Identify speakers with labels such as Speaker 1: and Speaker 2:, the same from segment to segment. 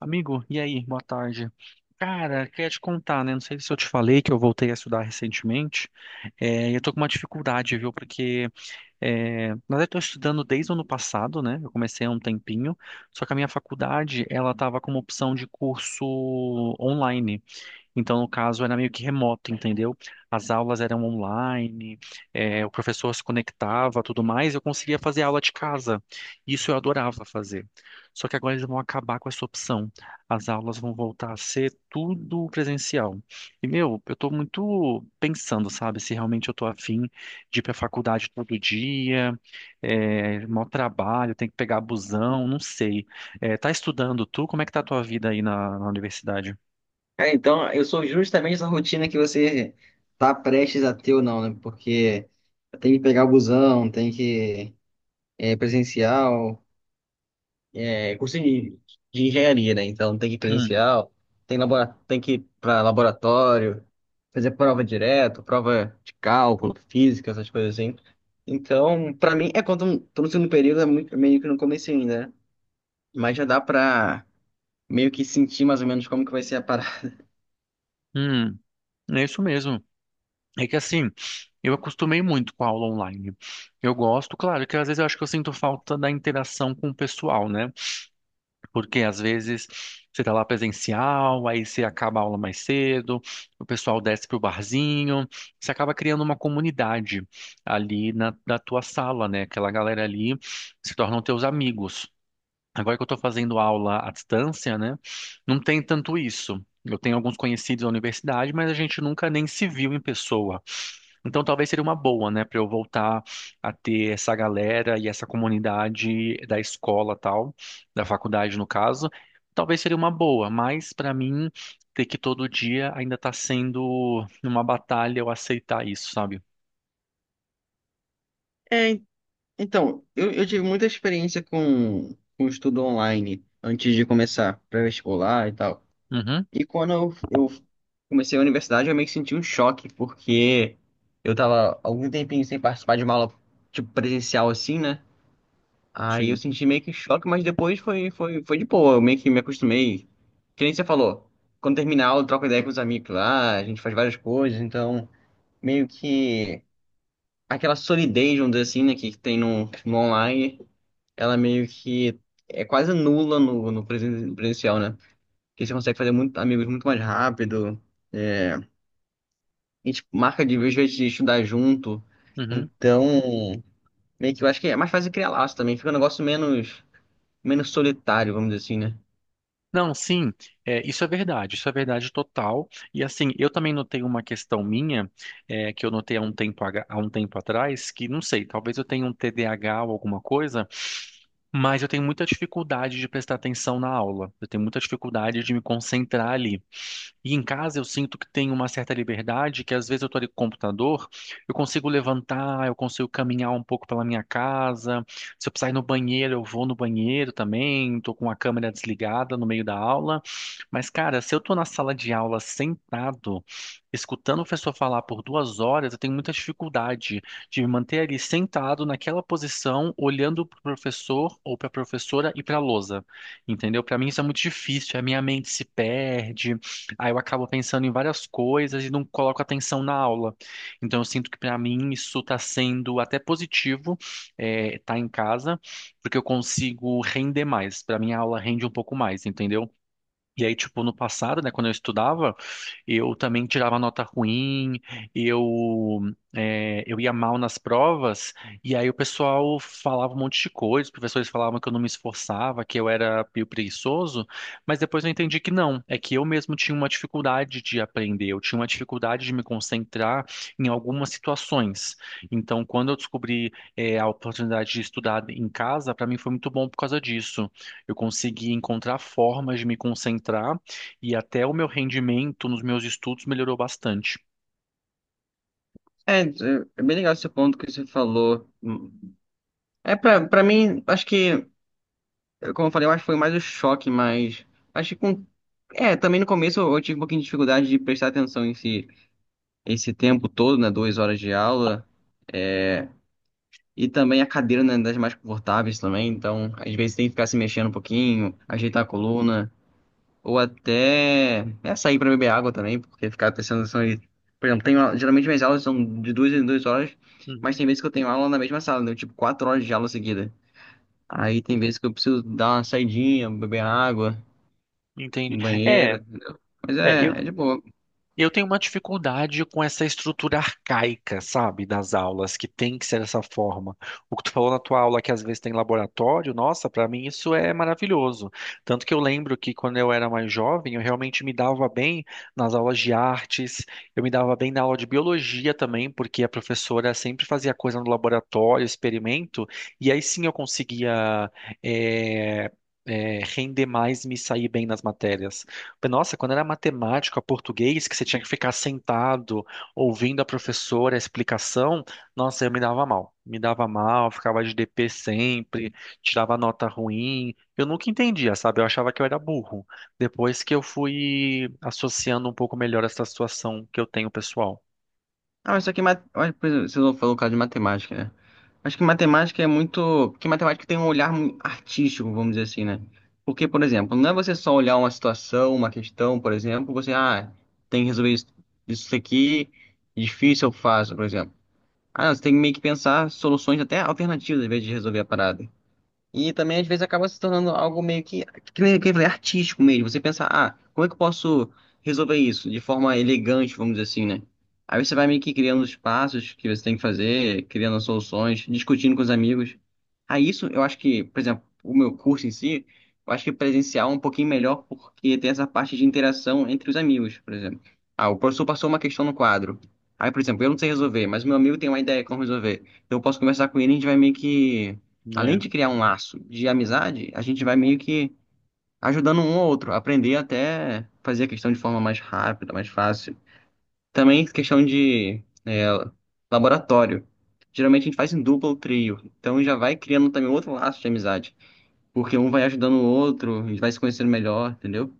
Speaker 1: Amigo, e aí? Boa tarde. Cara, queria te contar, né? Não sei se eu te falei que eu voltei a estudar recentemente. É, eu tô com uma dificuldade, viu? Porque, na verdade, eu tô estudando desde o ano passado, né? Eu comecei há um tempinho. Só que a minha faculdade, ela tava com uma opção de curso online. Então, no caso, era meio que remoto, entendeu? As aulas eram online, o professor se conectava, tudo mais, eu conseguia fazer aula de casa. Isso eu adorava fazer. Só que agora eles vão acabar com essa opção. As aulas vão voltar a ser tudo presencial. E, meu, eu tô muito pensando, sabe, se realmente eu tô afim de ir pra faculdade todo dia, é, maior trabalho, tem que pegar busão, não sei. Tá estudando tu? Como é que tá a tua vida aí na universidade?
Speaker 2: Cara, então eu sou justamente essa rotina que você tá prestes a ter ou não, né? Porque tem que pegar o busão, tem que presencial, é curso de engenharia, né? Então tem que ir
Speaker 1: Hum,
Speaker 2: presencial, tem, tem que ir para laboratório, fazer prova direto, prova de cálculo, física, essas coisas assim. Então, pra mim, é quando tô no segundo período, meio que no começo ainda, né? Mas já dá pra meio que sentir mais ou menos como que vai ser a parada.
Speaker 1: hum. É isso mesmo. É que assim, eu acostumei muito com a aula online. Eu gosto, claro, que às vezes eu acho que eu sinto falta da interação com o pessoal, né? Porque às vezes você tá lá presencial, aí você acaba a aula mais cedo, o pessoal desce pro barzinho, você acaba criando uma comunidade ali na tua sala, né? Aquela galera ali se tornam teus amigos. Agora que eu estou fazendo aula à distância, né? Não tem tanto isso. Eu tenho alguns conhecidos na universidade, mas a gente nunca nem se viu em pessoa. Então talvez seria uma boa, né, para eu voltar a ter essa galera e essa comunidade da escola tal, da faculdade no caso. Talvez seria uma boa, mas para mim ter que todo dia ainda está sendo uma batalha eu aceitar isso, sabe?
Speaker 2: Então, eu tive muita experiência com estudo online antes de começar pré-vestibular e tal.
Speaker 1: Uhum,
Speaker 2: E quando eu comecei a universidade, eu meio que senti um choque, porque eu tava algum tempinho sem participar de uma aula, tipo, presencial assim, né? Aí eu
Speaker 1: sim.
Speaker 2: senti meio que choque, mas depois foi de boa, eu meio que me acostumei. Que nem você falou, quando terminar a aula, eu troco ideia com os amigos lá, a gente faz várias coisas, então meio que aquela solidez, vamos dizer assim, né, que tem no online ela meio que é quase nula no presencial, né? Porque você consegue fazer muito, amigos muito mais rápido. É, a gente marca de vez em vez de estudar junto.
Speaker 1: Uhum.
Speaker 2: Então, meio que eu acho que é mais fácil criar laço também. Fica um negócio menos, menos solitário, vamos dizer assim, né?
Speaker 1: Não, sim, é, isso é verdade total. E assim, eu também notei uma questão minha, é, que eu notei há um tempo, há um tempo atrás, que não sei, talvez eu tenha um TDAH ou alguma coisa, mas eu tenho muita dificuldade de prestar atenção na aula. Eu tenho muita dificuldade de me concentrar ali. E em casa eu sinto que tenho uma certa liberdade, que às vezes eu tô ali com o computador, eu consigo levantar, eu consigo caminhar um pouco pela minha casa. Se eu precisar ir no banheiro, eu vou no banheiro também. Estou com a câmera desligada no meio da aula. Mas, cara, se eu tô na sala de aula sentado, escutando o professor falar por 2 horas, eu tenho muita dificuldade de me manter ali sentado naquela posição, olhando para o professor ou para a professora e para a lousa. Entendeu? Para mim isso é muito difícil, a minha mente se perde, aí eu acabo pensando em várias coisas e não coloco atenção na aula. Então eu sinto que para mim isso está sendo até positivo, estar tá em casa, porque eu consigo render mais. Para mim a aula rende um pouco mais, entendeu? E aí, tipo, no passado, né, quando eu estudava, eu também tirava nota ruim, eu, é, eu ia mal nas provas, e aí o pessoal falava um monte de coisa, os professores falavam que eu não me esforçava, que eu era meio preguiçoso, mas depois eu entendi que não, é que eu mesmo tinha uma dificuldade de aprender, eu tinha uma dificuldade de me concentrar em algumas situações. Então, quando eu descobri, é, a oportunidade de estudar em casa, para mim foi muito bom por causa disso. Eu consegui encontrar formas de me concentrar e até o meu rendimento nos meus estudos melhorou bastante.
Speaker 2: É, é bem legal esse ponto que você falou. Pra mim, acho que, como eu falei, eu acho que foi mais o choque, mas acho que com. Também no começo eu tive um pouquinho de dificuldade de prestar atenção em si esse tempo todo, né? 2 horas de aula. É, e também a cadeira não é das mais confortáveis também, então às vezes tem que ficar se mexendo um pouquinho, ajeitar a coluna, ou até sair para beber água também, porque ficar prestando atenção aí. Por exemplo, geralmente minhas aulas são de 2 em 2 horas, mas
Speaker 1: Uhum.
Speaker 2: tem vezes que eu tenho aula na mesma sala, né? Tipo, 4 horas de aula seguida. Aí tem vezes que eu preciso dar uma saidinha, beber água,
Speaker 1: Entende?
Speaker 2: no
Speaker 1: É,
Speaker 2: banheiro, entendeu? Mas
Speaker 1: é,
Speaker 2: é de boa.
Speaker 1: Eu tenho uma dificuldade com essa estrutura arcaica, sabe, das aulas, que tem que ser dessa forma. O que tu falou na tua aula, que às vezes tem laboratório, nossa, pra mim isso é maravilhoso. Tanto que eu lembro que quando eu era mais jovem, eu realmente me dava bem nas aulas de artes, eu me dava bem na aula de biologia também, porque a professora sempre fazia coisa no laboratório, experimento, e aí sim eu conseguia. eh, Render mais, me sair bem nas matérias. Nossa, quando era matemática, português, que você tinha que ficar sentado ouvindo a professora a explicação, nossa, eu me dava mal. Me dava mal, ficava de DP sempre, tirava nota ruim. Eu nunca entendia, sabe? Eu achava que eu era burro. Depois que eu fui associando um pouco melhor essa situação que eu tenho pessoal,
Speaker 2: Ah, mas só que mat... olha, por exemplo, você falou o caso de matemática, né? Acho que matemática é muito. Porque matemática tem um olhar artístico, vamos dizer assim, né? Porque, por exemplo, não é você só olhar uma situação, uma questão, por exemplo, você, ah, tem que resolver isso, isso aqui, difícil eu faço, por exemplo. Ah, não, você tem que meio que pensar soluções até alternativas, em vez de resolver a parada. E também, às vezes, acaba se tornando algo meio que nem que eu falei, artístico mesmo. Você pensa, ah, como é que eu posso resolver isso de forma elegante, vamos dizer assim, né? Aí você vai meio que criando os passos que você tem que fazer, criando soluções, discutindo com os amigos. Aí isso, eu acho que, por exemplo, o meu curso em si, eu acho que presencial é um pouquinho melhor porque tem essa parte de interação entre os amigos, por exemplo. Ah, o professor passou uma questão no quadro. Aí, por exemplo, eu não sei resolver, mas meu amigo tem uma ideia como resolver. Então eu posso conversar com ele e a gente vai meio que além
Speaker 1: né?
Speaker 2: de criar um laço de amizade, a gente vai meio que ajudando um ao outro, aprender até fazer a questão de forma mais rápida, mais fácil. Também questão de laboratório. Geralmente a gente faz em dupla ou trio, então já vai criando também outro laço de amizade, porque um vai ajudando o outro, a gente vai se conhecendo melhor, entendeu?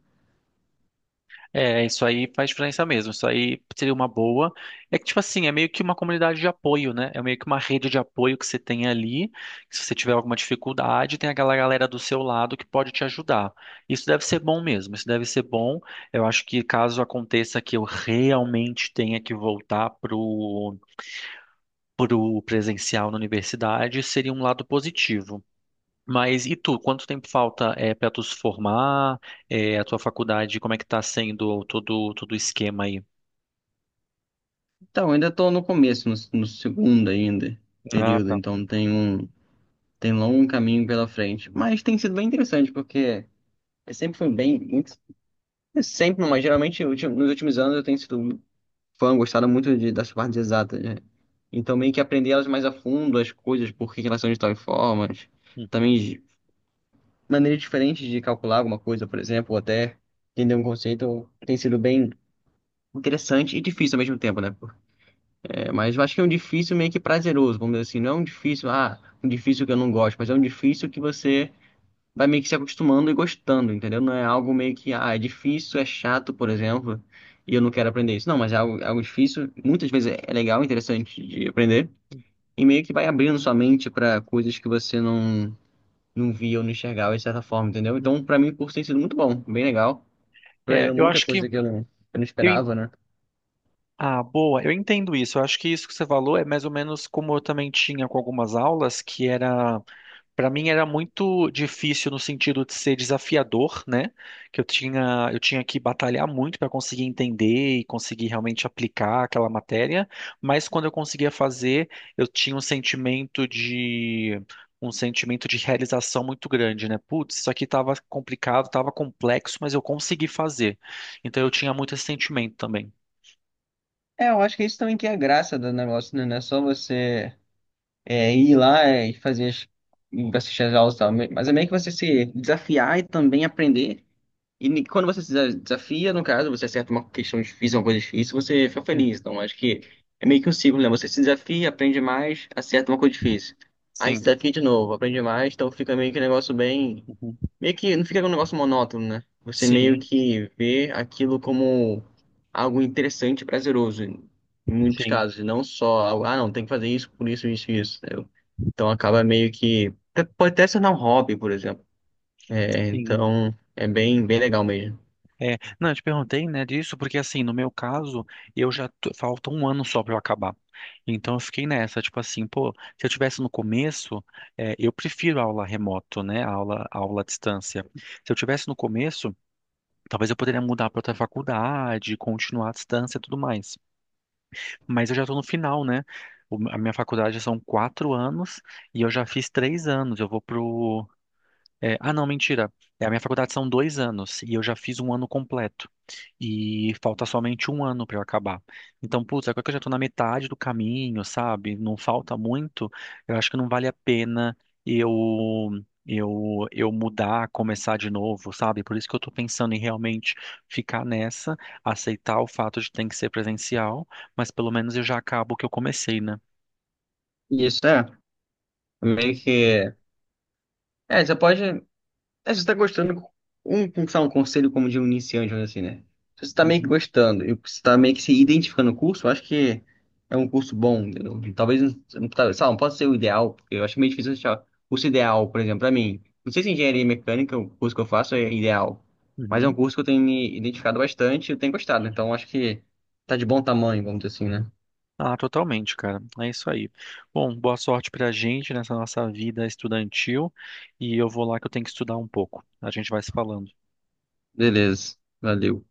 Speaker 1: É, isso aí faz diferença mesmo. Isso aí seria uma boa. É que, tipo assim, é meio que uma comunidade de apoio, né? É meio que uma rede de apoio que você tem ali. Que Se você tiver alguma dificuldade, tem aquela galera do seu lado que pode te ajudar. Isso deve ser bom mesmo. Isso deve ser bom. Eu acho que caso aconteça que eu realmente tenha que voltar pro presencial na universidade, seria um lado positivo. Mas e tu, quanto tempo falta para tu se formar? É, a tua faculdade, como é que tá sendo todo o esquema aí?
Speaker 2: Então, ainda estou no começo, no segundo ainda,
Speaker 1: Ah,
Speaker 2: período,
Speaker 1: tá.
Speaker 2: então tem longo caminho pela frente, mas tem sido bem interessante, porque eu sempre foi bem, muito sempre, mas geralmente nos últimos anos eu tenho sido fã, gostado muito das partes exatas, né? Então meio que aprender elas mais a fundo, as coisas, por que que elas são de tal formas,
Speaker 1: Uhum,
Speaker 2: também de maneiras diferentes de calcular alguma coisa, por exemplo, ou até entender um conceito tem sido bem interessante e difícil ao mesmo tempo, né? É, mas eu acho que é um difícil meio que prazeroso, vamos dizer assim, não é um difícil, ah, um difícil que eu não gosto, mas é um difícil que você vai meio que se acostumando e gostando, entendeu? Não é algo meio que, ah, é difícil, é chato, por exemplo, e eu não quero aprender isso. Não, mas é algo difícil, muitas vezes é legal, interessante de aprender, e meio que vai abrindo sua mente para coisas que você não, não via ou não enxergava de certa forma, entendeu?
Speaker 1: uhum.
Speaker 2: Então, para mim, o curso tem sido muito bom, bem legal,
Speaker 1: É,
Speaker 2: aprendendo
Speaker 1: eu
Speaker 2: muita
Speaker 1: acho que
Speaker 2: coisa que eu não
Speaker 1: eu
Speaker 2: esperava, né?
Speaker 1: Ah, boa. Eu entendo isso. Eu acho que isso que você falou é mais ou menos como eu também tinha com algumas aulas, que era, para mim era muito difícil no sentido de ser desafiador, né? Que eu tinha que batalhar muito para conseguir entender e conseguir realmente aplicar aquela matéria, mas quando eu conseguia fazer, eu tinha um sentimento de realização muito grande, né? Putz, isso aqui estava complicado, estava complexo, mas eu consegui fazer. Então eu tinha muito esse sentimento também.
Speaker 2: É, eu acho que isso também que é a graça do negócio, né? Não é só você ir lá e fazer as, e assistir as aulas e tal, mas é meio que você se desafiar e também aprender. E quando você se desa- desafia, no caso, você acerta uma questão difícil, uma coisa difícil, você fica
Speaker 1: Hum.
Speaker 2: feliz. Então, acho que é meio que um ciclo, né? Você se desafia, aprende mais, acerta uma coisa difícil. Aí se
Speaker 1: Sim.
Speaker 2: desafia de novo, aprende mais, então fica meio que um negócio bem.
Speaker 1: Uhum.
Speaker 2: Meio que não fica um negócio monótono, né? Você
Speaker 1: Sim,
Speaker 2: meio que vê aquilo como algo interessante e prazeroso, em muitos
Speaker 1: sim,
Speaker 2: casos. E não só algo, ah, não, tem que fazer isso, por isso, isso, isso. Entendeu? Então acaba meio que. Pode até ser um hobby, por exemplo. É,
Speaker 1: sim.
Speaker 2: então é bem legal mesmo.
Speaker 1: É, não, eu te perguntei, né, disso, porque assim, no meu caso, falta um ano só pra eu acabar. Então eu fiquei nessa, tipo assim, pô, se eu tivesse no começo, é, eu prefiro aula remoto, né, aula à distância. Se eu tivesse no começo, talvez eu poderia mudar pra outra faculdade, continuar à distância e tudo mais. Mas eu já tô no final, né? A minha faculdade são 4 anos e eu já fiz 3 anos. Eu vou pro É, ah, Não, mentira. É, a minha faculdade são 2 anos e eu já fiz um ano completo. E falta somente um ano para eu acabar. Então, putz, agora que eu já tô na metade do caminho, sabe? Não falta muito. Eu acho que não vale a pena eu eu mudar, começar de novo, sabe? Por isso que eu tô pensando em realmente ficar nessa, aceitar o fato de ter que ser presencial, mas pelo menos eu já acabo o que eu comecei, né?
Speaker 2: Isso é. Meio que. É, você pode. É, se você tá gostando. Sei lá, um conselho como de um iniciante, vamos dizer assim, né? Se você tá meio que
Speaker 1: Uhum.
Speaker 2: gostando e você tá meio que se identificando no curso, eu acho que é um curso bom. Entendeu? Talvez. Talvez, sei lá, não pode ser o ideal, porque eu acho meio difícil achar o curso ideal, por exemplo, pra mim. Não sei se engenharia mecânica, o curso que eu faço, é ideal. Mas é um
Speaker 1: Uhum.
Speaker 2: curso que eu tenho me identificado bastante e eu tenho gostado. Então acho que tá de bom tamanho, vamos dizer assim, né?
Speaker 1: Ah, totalmente, cara. É isso aí. Bom, boa sorte pra gente nessa nossa vida estudantil e eu vou lá que eu tenho que estudar um pouco. A gente vai se falando.
Speaker 2: Beleza. Valeu.